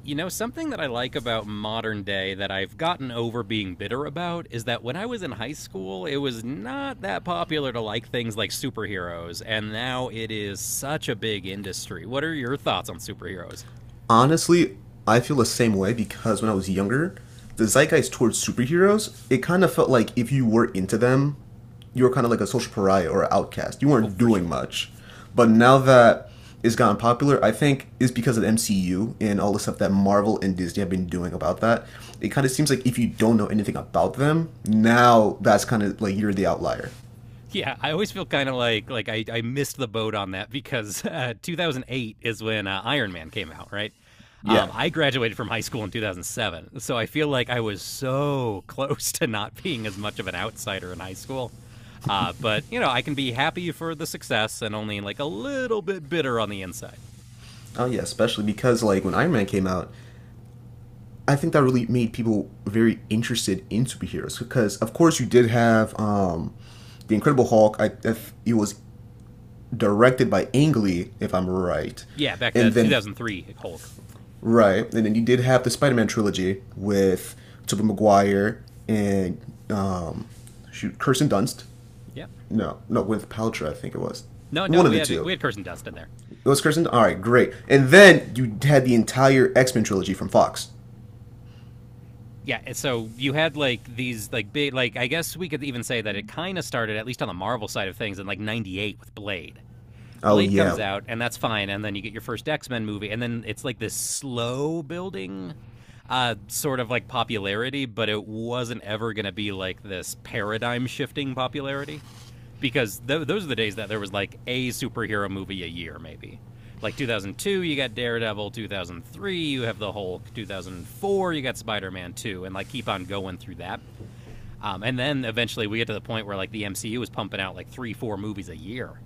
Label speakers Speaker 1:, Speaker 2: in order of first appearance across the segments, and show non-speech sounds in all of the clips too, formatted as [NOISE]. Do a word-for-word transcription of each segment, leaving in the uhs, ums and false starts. Speaker 1: You know, something that I like about modern day that I've gotten over being bitter about is that when I was in high school, it was not that popular to like things like superheroes, and now it is such a big industry. What are your thoughts on superheroes?
Speaker 2: Honestly, I feel the same way because when I was younger, the zeitgeist towards superheroes, it kind of felt like if you were into them, you were kind of like a social pariah or an outcast. You
Speaker 1: Oh,
Speaker 2: weren't
Speaker 1: for
Speaker 2: doing
Speaker 1: sure.
Speaker 2: much. But now that it's gotten popular, I think is because of the M C U and all the stuff that Marvel and Disney have been doing about that. It kind of seems like if you don't know anything about them, now that's kind of like you're the outlier.
Speaker 1: Yeah, I always feel kind of like like I, I missed the boat on that because [LAUGHS] uh, two thousand eight is when uh, Iron Man came out, right?
Speaker 2: Yeah.
Speaker 1: Um, I graduated from high school in two thousand seven, so I feel like I was so [LAUGHS] close to not being as much of an outsider in high school. Uh, but you know, I can be happy for the success and only like a little bit bitter on the inside.
Speaker 2: Oh yeah, especially because like when Iron Man came out, I think that really made people very interested in superheroes because, of course, you did have um, the Incredible Hulk. I, if it was directed by Ang Lee, if I'm right,
Speaker 1: Yeah, back to
Speaker 2: and
Speaker 1: that
Speaker 2: then
Speaker 1: two thousand three Hulk.
Speaker 2: right, and then you did have the Spider-Man trilogy with Tobey Maguire and um, shoot Kirsten Dunst.
Speaker 1: Yep.
Speaker 2: No, no, with Paltrow, I think it was
Speaker 1: No, no,
Speaker 2: one of
Speaker 1: we
Speaker 2: the
Speaker 1: had we
Speaker 2: two.
Speaker 1: had Kirsten Dunst in there.
Speaker 2: It was Kirsten. All right, great. And then you had the entire X Men trilogy from Fox.
Speaker 1: Yeah, so you had like these like big like I guess we could even say that it kind of started at least on the Marvel side of things in like ninety-eight with Blade.
Speaker 2: Oh
Speaker 1: Blade comes
Speaker 2: yeah.
Speaker 1: out and that's fine, and then you get your first X-Men movie, and then it's like this slow building uh sort of like popularity, but it wasn't ever going to be like this paradigm shifting popularity because th- those are the days that there was like a superhero movie a year, maybe. Like two thousand two, you got Daredevil. two thousand three, you have the Hulk. two thousand four, you got Spider Man two, and like keep on going through that. Um, and then eventually we get to the point where like the M C U was pumping out like three, four movies a year.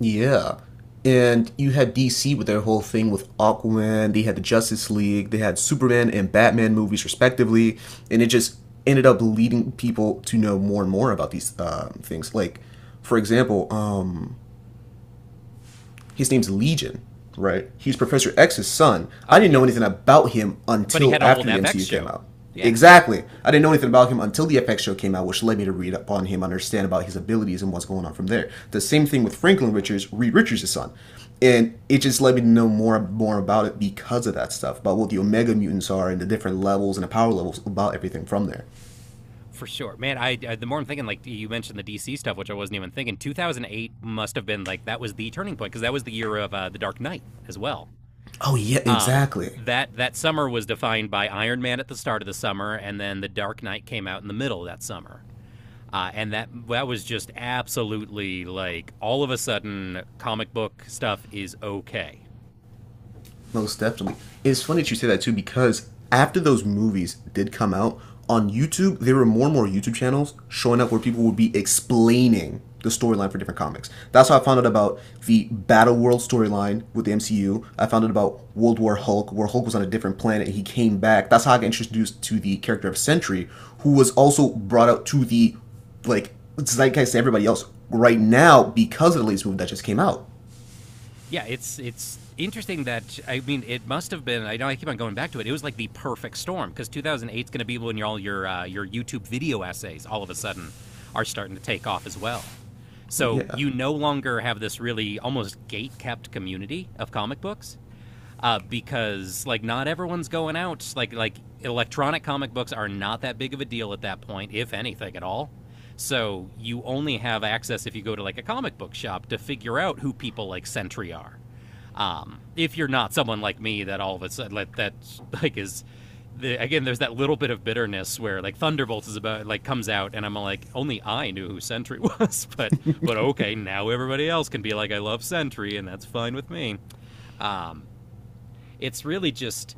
Speaker 2: Yeah. And you had D C with their whole thing with Aquaman, they had the Justice League, they had Superman and Batman movies respectively, and it just ended up leading people to know more and more about these um, things. Like, for example, um, his name's Legion, right? He's Professor X's son. I
Speaker 1: Oh,
Speaker 2: didn't know anything
Speaker 1: yes.
Speaker 2: about him
Speaker 1: But he
Speaker 2: until
Speaker 1: had a
Speaker 2: after
Speaker 1: whole
Speaker 2: the
Speaker 1: F X
Speaker 2: M C U came
Speaker 1: show.
Speaker 2: out.
Speaker 1: Yeah,
Speaker 2: Exactly. I didn't know anything about him until the F X show came out, which led me to read up on him, understand about his abilities and what's going on from there. The same thing with Franklin Richards, Reed Richards' son. And it just led me to know more more about it because of that stuff, about what the Omega mutants are and the different levels and the power levels about everything from there.
Speaker 1: for sure. Man, I, I the more I'm thinking, like you mentioned the D C stuff, which I wasn't even thinking. twenty oh eight must have been like that was the turning point because that was the year of uh, The Dark Knight as well.
Speaker 2: Oh yeah,
Speaker 1: Um,
Speaker 2: exactly.
Speaker 1: that that summer was defined by Iron Man at the start of the summer, and then The Dark Knight came out in the middle of that summer. Uh, and that that was just absolutely like all of a sudden comic book stuff is okay.
Speaker 2: Most definitely. It's funny that you say that too because after those movies did come out on YouTube, there were more and more YouTube channels showing up where people would be explaining the storyline for different comics. That's how I found out about the Battle World storyline with the M C U. I found out about World War Hulk, where Hulk was on a different planet and he came back. That's how I got introduced to the character of Sentry, who was also brought out to the like zeitgeist to everybody else right now because of the latest movie that just came out.
Speaker 1: Yeah, it's it's interesting that I mean it must have been I know I keep on going back to it. It was like the perfect storm because two thousand eight is going to be when all your uh, your YouTube video essays all of a sudden are starting to take off as well. So
Speaker 2: Yeah.
Speaker 1: you no longer have this really almost gate kept community of comic books. Uh, because like not everyone's going out. Like like electronic comic books are not that big of a deal at that point, if anything at all. So you only have access if you go to like a comic book shop to figure out who people like Sentry are. Um, if you're not someone like me that all of a sudden like, that like is the, again, there's that little bit of bitterness where like Thunderbolts is about like comes out, and I'm like, only I knew who Sentry was, [LAUGHS] but but okay, now everybody else can be like, I love Sentry, and that's fine with me. Um, it's really just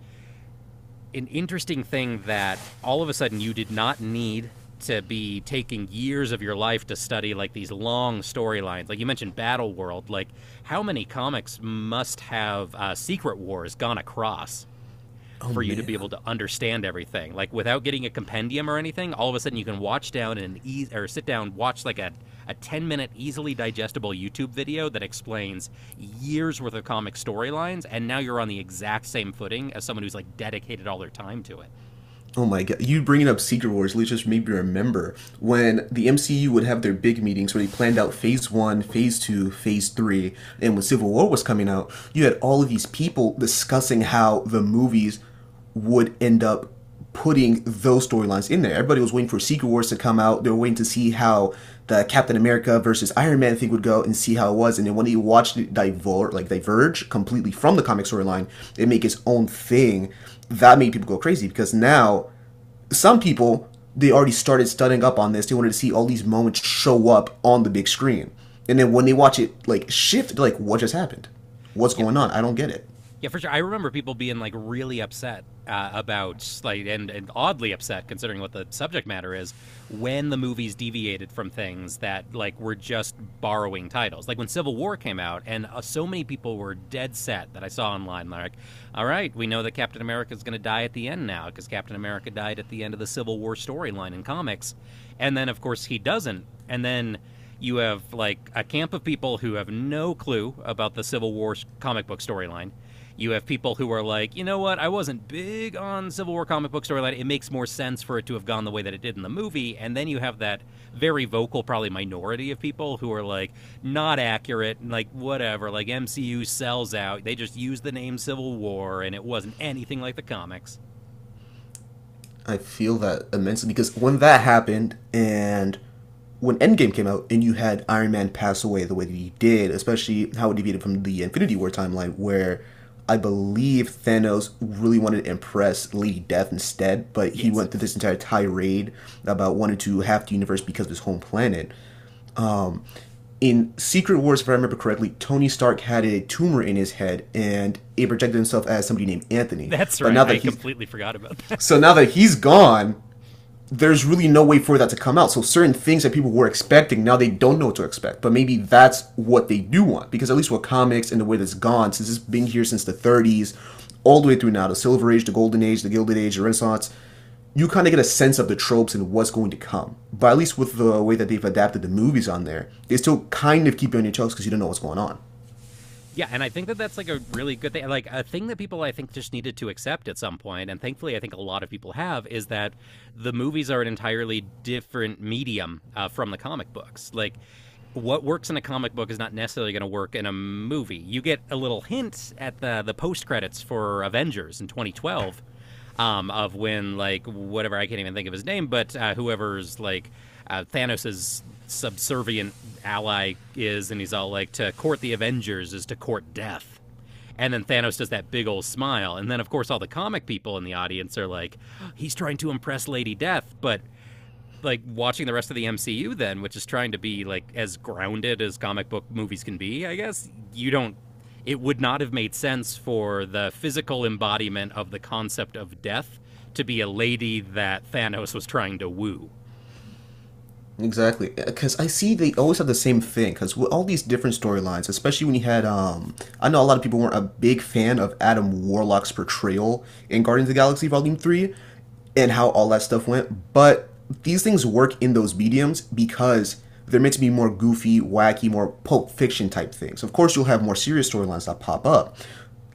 Speaker 1: an interesting thing that all of a sudden you did not need to be taking years of your life to study like these long storylines. Like you mentioned Battle World, like how many comics must have uh, Secret Wars gone across?
Speaker 2: Oh
Speaker 1: For you to be able
Speaker 2: man.
Speaker 1: to understand everything. Like without getting a compendium or anything, all of a sudden you can watch down and ease or sit down, watch like a, a ten minute easily digestible YouTube video that explains years worth of comic storylines. And now you're on the exact same footing as someone who's like dedicated all their time to it.
Speaker 2: Oh my god! You bringing up Secret Wars at least just made me remember when the M C U would have their big meetings where they planned out Phase One, Phase Two, Phase Three, and when Civil War was coming out, you had all of these people discussing how the movies would end up putting those storylines in there. Everybody was waiting for Secret Wars to come out. They were waiting to see how the Captain America versus Iron Man thing would go and see how it was. And then when he watched it divert, like diverge completely from the comic storyline and make his own thing, that made people go crazy because now some people they already started studying up on this. They wanted to see all these moments show up on the big screen. And then when they watch it like shift, like, what just happened? What's
Speaker 1: Yeah,
Speaker 2: going on? I don't get it.
Speaker 1: Yeah, for sure. I remember people being like really upset uh, about like and and oddly upset considering what the subject matter is when the movies deviated from things that like were just borrowing titles. Like when Civil War came out, and uh, so many people were dead set that I saw online like, "All right, we know that Captain America is going to die at the end now because Captain America died at the end of the Civil War storyline in comics." And then of course he doesn't. And then you have like a camp of people who have no clue about the Civil War comic book storyline. You have people who are like, you know what? I wasn't big on Civil War comic book storyline. It makes more sense for it to have gone the way that it did in the movie. And then you have that very vocal, probably minority of people who are like, not accurate, and like, whatever. Like, M C U sells out. They just used the name Civil War, and it wasn't anything like the comics.
Speaker 2: I feel that immensely because when that happened and when Endgame came out and you had Iron Man pass away the way that he did, especially how it deviated from the Infinity War timeline where I believe Thanos really wanted to impress Lady Death instead, but he
Speaker 1: Yes,
Speaker 2: went through this entire tirade about wanting to have the universe because of his home planet. In Secret Wars, if I remember correctly, Tony Stark had a tumor in his head and it projected himself as somebody named
Speaker 1: [LAUGHS]
Speaker 2: Anthony.
Speaker 1: that's
Speaker 2: But
Speaker 1: right.
Speaker 2: now
Speaker 1: I
Speaker 2: that he's
Speaker 1: completely forgot about.
Speaker 2: So now that he's gone, there's really no way for that to come out. So certain things that people were expecting now they don't know what to expect. But maybe that's what they do want because at least with comics and the way that's gone since it's been here since the thirties, all the way through now the Silver Age, the Golden Age, the Gilded Age, the Renaissance. You kind of get a sense of the tropes and what's going to come. But at least with the way that they've adapted the movies on there, they still kind of keep you on your toes because you don't know what's going on.
Speaker 1: Yeah, and I think that that's like a really good thing, like a thing that people I think just needed to accept at some point, and thankfully I think a lot of people have is that the movies are an entirely different medium uh, from the comic books. Like what works in a comic book is not necessarily going to work in a movie. You get a little hint at the the post credits for Avengers in twenty twelve, um, of when like whatever I can't even think of his name, but uh, whoever's like uh, Thanos's subservient ally is, and he's all like, "To court the Avengers is to court death." And then Thanos does that big old smile, and then of course all the comic people in the audience are like, [GASPS] "He's trying to impress Lady Death," but like watching the rest of the M C U then, which is trying to be like as grounded as comic book movies can be, I guess, you don't, it would not have made sense for the physical embodiment of the concept of death to be a lady that Thanos was trying to woo.
Speaker 2: Exactly, because I see they always have the same thing. Because with all these different storylines, especially when you had, um, I know a lot of people weren't a big fan of Adam Warlock's portrayal in Guardians of the Galaxy Volume Three, and how all that stuff went. But these things work in those mediums because they're meant to be more goofy, wacky, more Pulp Fiction type things. Of course, you'll have more serious storylines that pop up,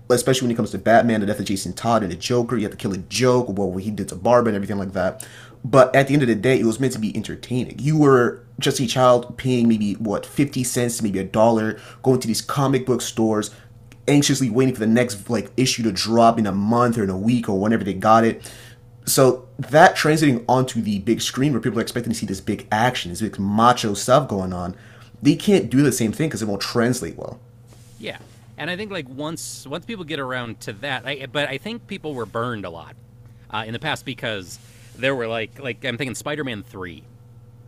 Speaker 2: especially when it comes to Batman, the death of Jason Todd and the Joker. You have to kill a joke, well, what he did to Barbara and everything like that. But at the end of the day, it was meant to be entertaining. You were just a child paying maybe what fifty cents, maybe a dollar, going to these comic book stores, anxiously waiting for the next like issue to drop in a month or in a week or whenever they got it. So that translating onto the big screen where people are expecting to see this big action, this big macho stuff going on, they can't do the same thing because it won't translate well.
Speaker 1: Yeah, and I think, like, once once people get around to that I but I think people were burned a lot, uh, in the past because there were, like like, I'm thinking Spider-Man three,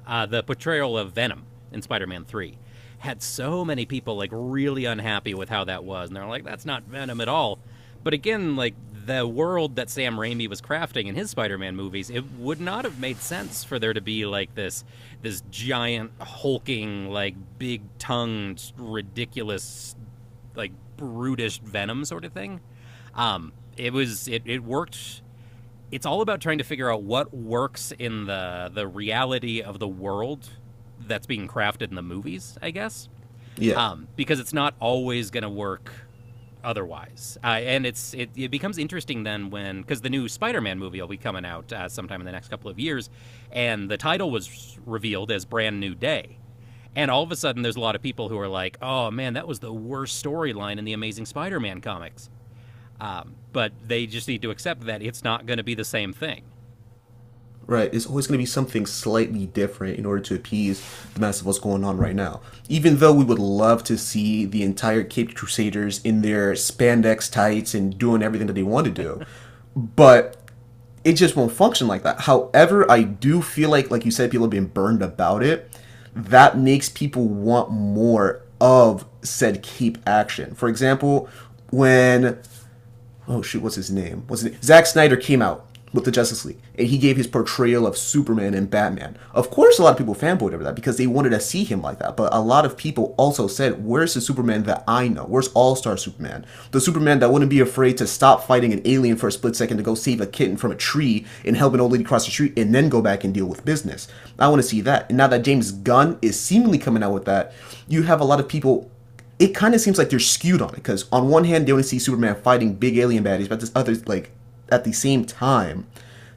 Speaker 1: uh, the portrayal of Venom in Spider-Man three had so many people like really unhappy with how that was, and they're like that's not Venom at all. But again, like the world that Sam Raimi was crafting in his Spider-Man movies, it would not have made sense for there to be like this this giant hulking like big-tongued ridiculous like brutish Venom sort of thing. Um it was it it worked, it's all about trying to figure out what works in the the reality of the world that's being crafted in the movies, I guess.
Speaker 2: Yeah.
Speaker 1: Um, because it's not always going to work otherwise. Uh, and it's it, it becomes interesting then when because the new Spider-Man movie will be coming out uh, sometime in the next couple of years, and the title was revealed as Brand New Day. And all of a sudden, there's a lot of people who are like, "Oh man, that was the worst storyline in the Amazing Spider-Man comics." Um, but they just need to accept that it's not going to be the same thing.
Speaker 2: Right, it's always going to be something slightly different in order to appease the mass of what's going on right now. Even though we would love to see the entire Caped Crusaders in their spandex tights and doing everything that they want to do, but it just won't function like that. However, I do feel like, like you said, people have been burned about it. That makes people want more of said cape action. For example, when oh shoot, what's his name? What's his name? Zack Snyder came out with the Justice League, and he gave his portrayal of Superman and Batman. Of course, a lot of people fanboyed over that because they wanted to see him like that. But a lot of people also said, "Where's the Superman that I know? Where's All Star Superman? The Superman that wouldn't be afraid to stop fighting an alien for a split second to go save a kitten from a tree and help an old lady cross the street, and then go back and deal with business. I want to see that." And now that James Gunn is seemingly coming out with that, you have a lot of people it kind of seems like they're skewed on it because on one hand they only see Superman fighting big alien baddies, but this other like at the same time,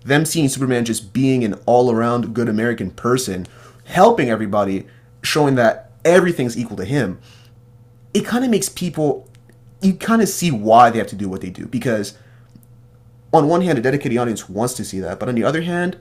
Speaker 2: them seeing Superman just being an all-around good American person, helping everybody, showing that everything's equal to him. It kind of makes people you kind of see why they have to do what they do because on one hand a dedicated audience wants to see that, but on the other hand,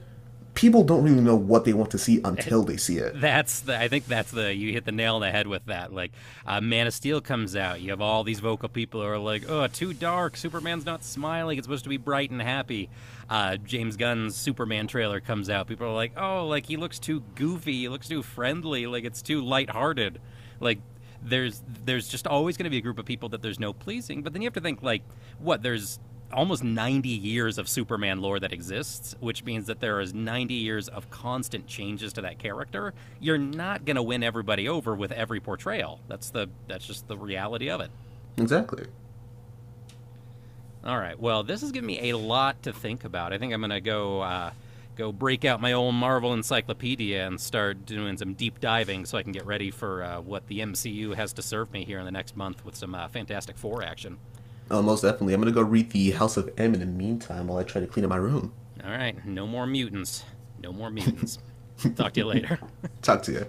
Speaker 2: people don't really know what they want to see
Speaker 1: And
Speaker 2: until they see it.
Speaker 1: that's the. I think that's the. You hit the nail on the head with that. Like, uh, Man of Steel comes out. You have all these vocal people who are like, "Oh, too dark. Superman's not smiling. It's supposed to be bright and happy." Uh, James Gunn's Superman trailer comes out. People are like, "Oh, like he looks too goofy. He looks too friendly. Like it's too lighthearted." Like there's there's just always going to be a group of people that there's no pleasing. But then you have to think like, what? There's almost ninety years of Superman lore that exists, which means that there is ninety years of constant changes to that character. You're not going to win everybody over with every portrayal. That's the that's just the reality of it.
Speaker 2: Exactly.
Speaker 1: All right. Well, this has given me a lot to think about. I think I'm going to go uh, go break out my old Marvel encyclopedia and start doing some deep diving so I can get ready for uh, what the M C U has to serve me here in the next month with some uh, Fantastic Four action.
Speaker 2: Oh, most definitely. I'm gonna go read the House of M in the meantime while I try to clean up my room.
Speaker 1: All right, no more mutants. No more mutants. I'll talk to you later.
Speaker 2: Talk to you.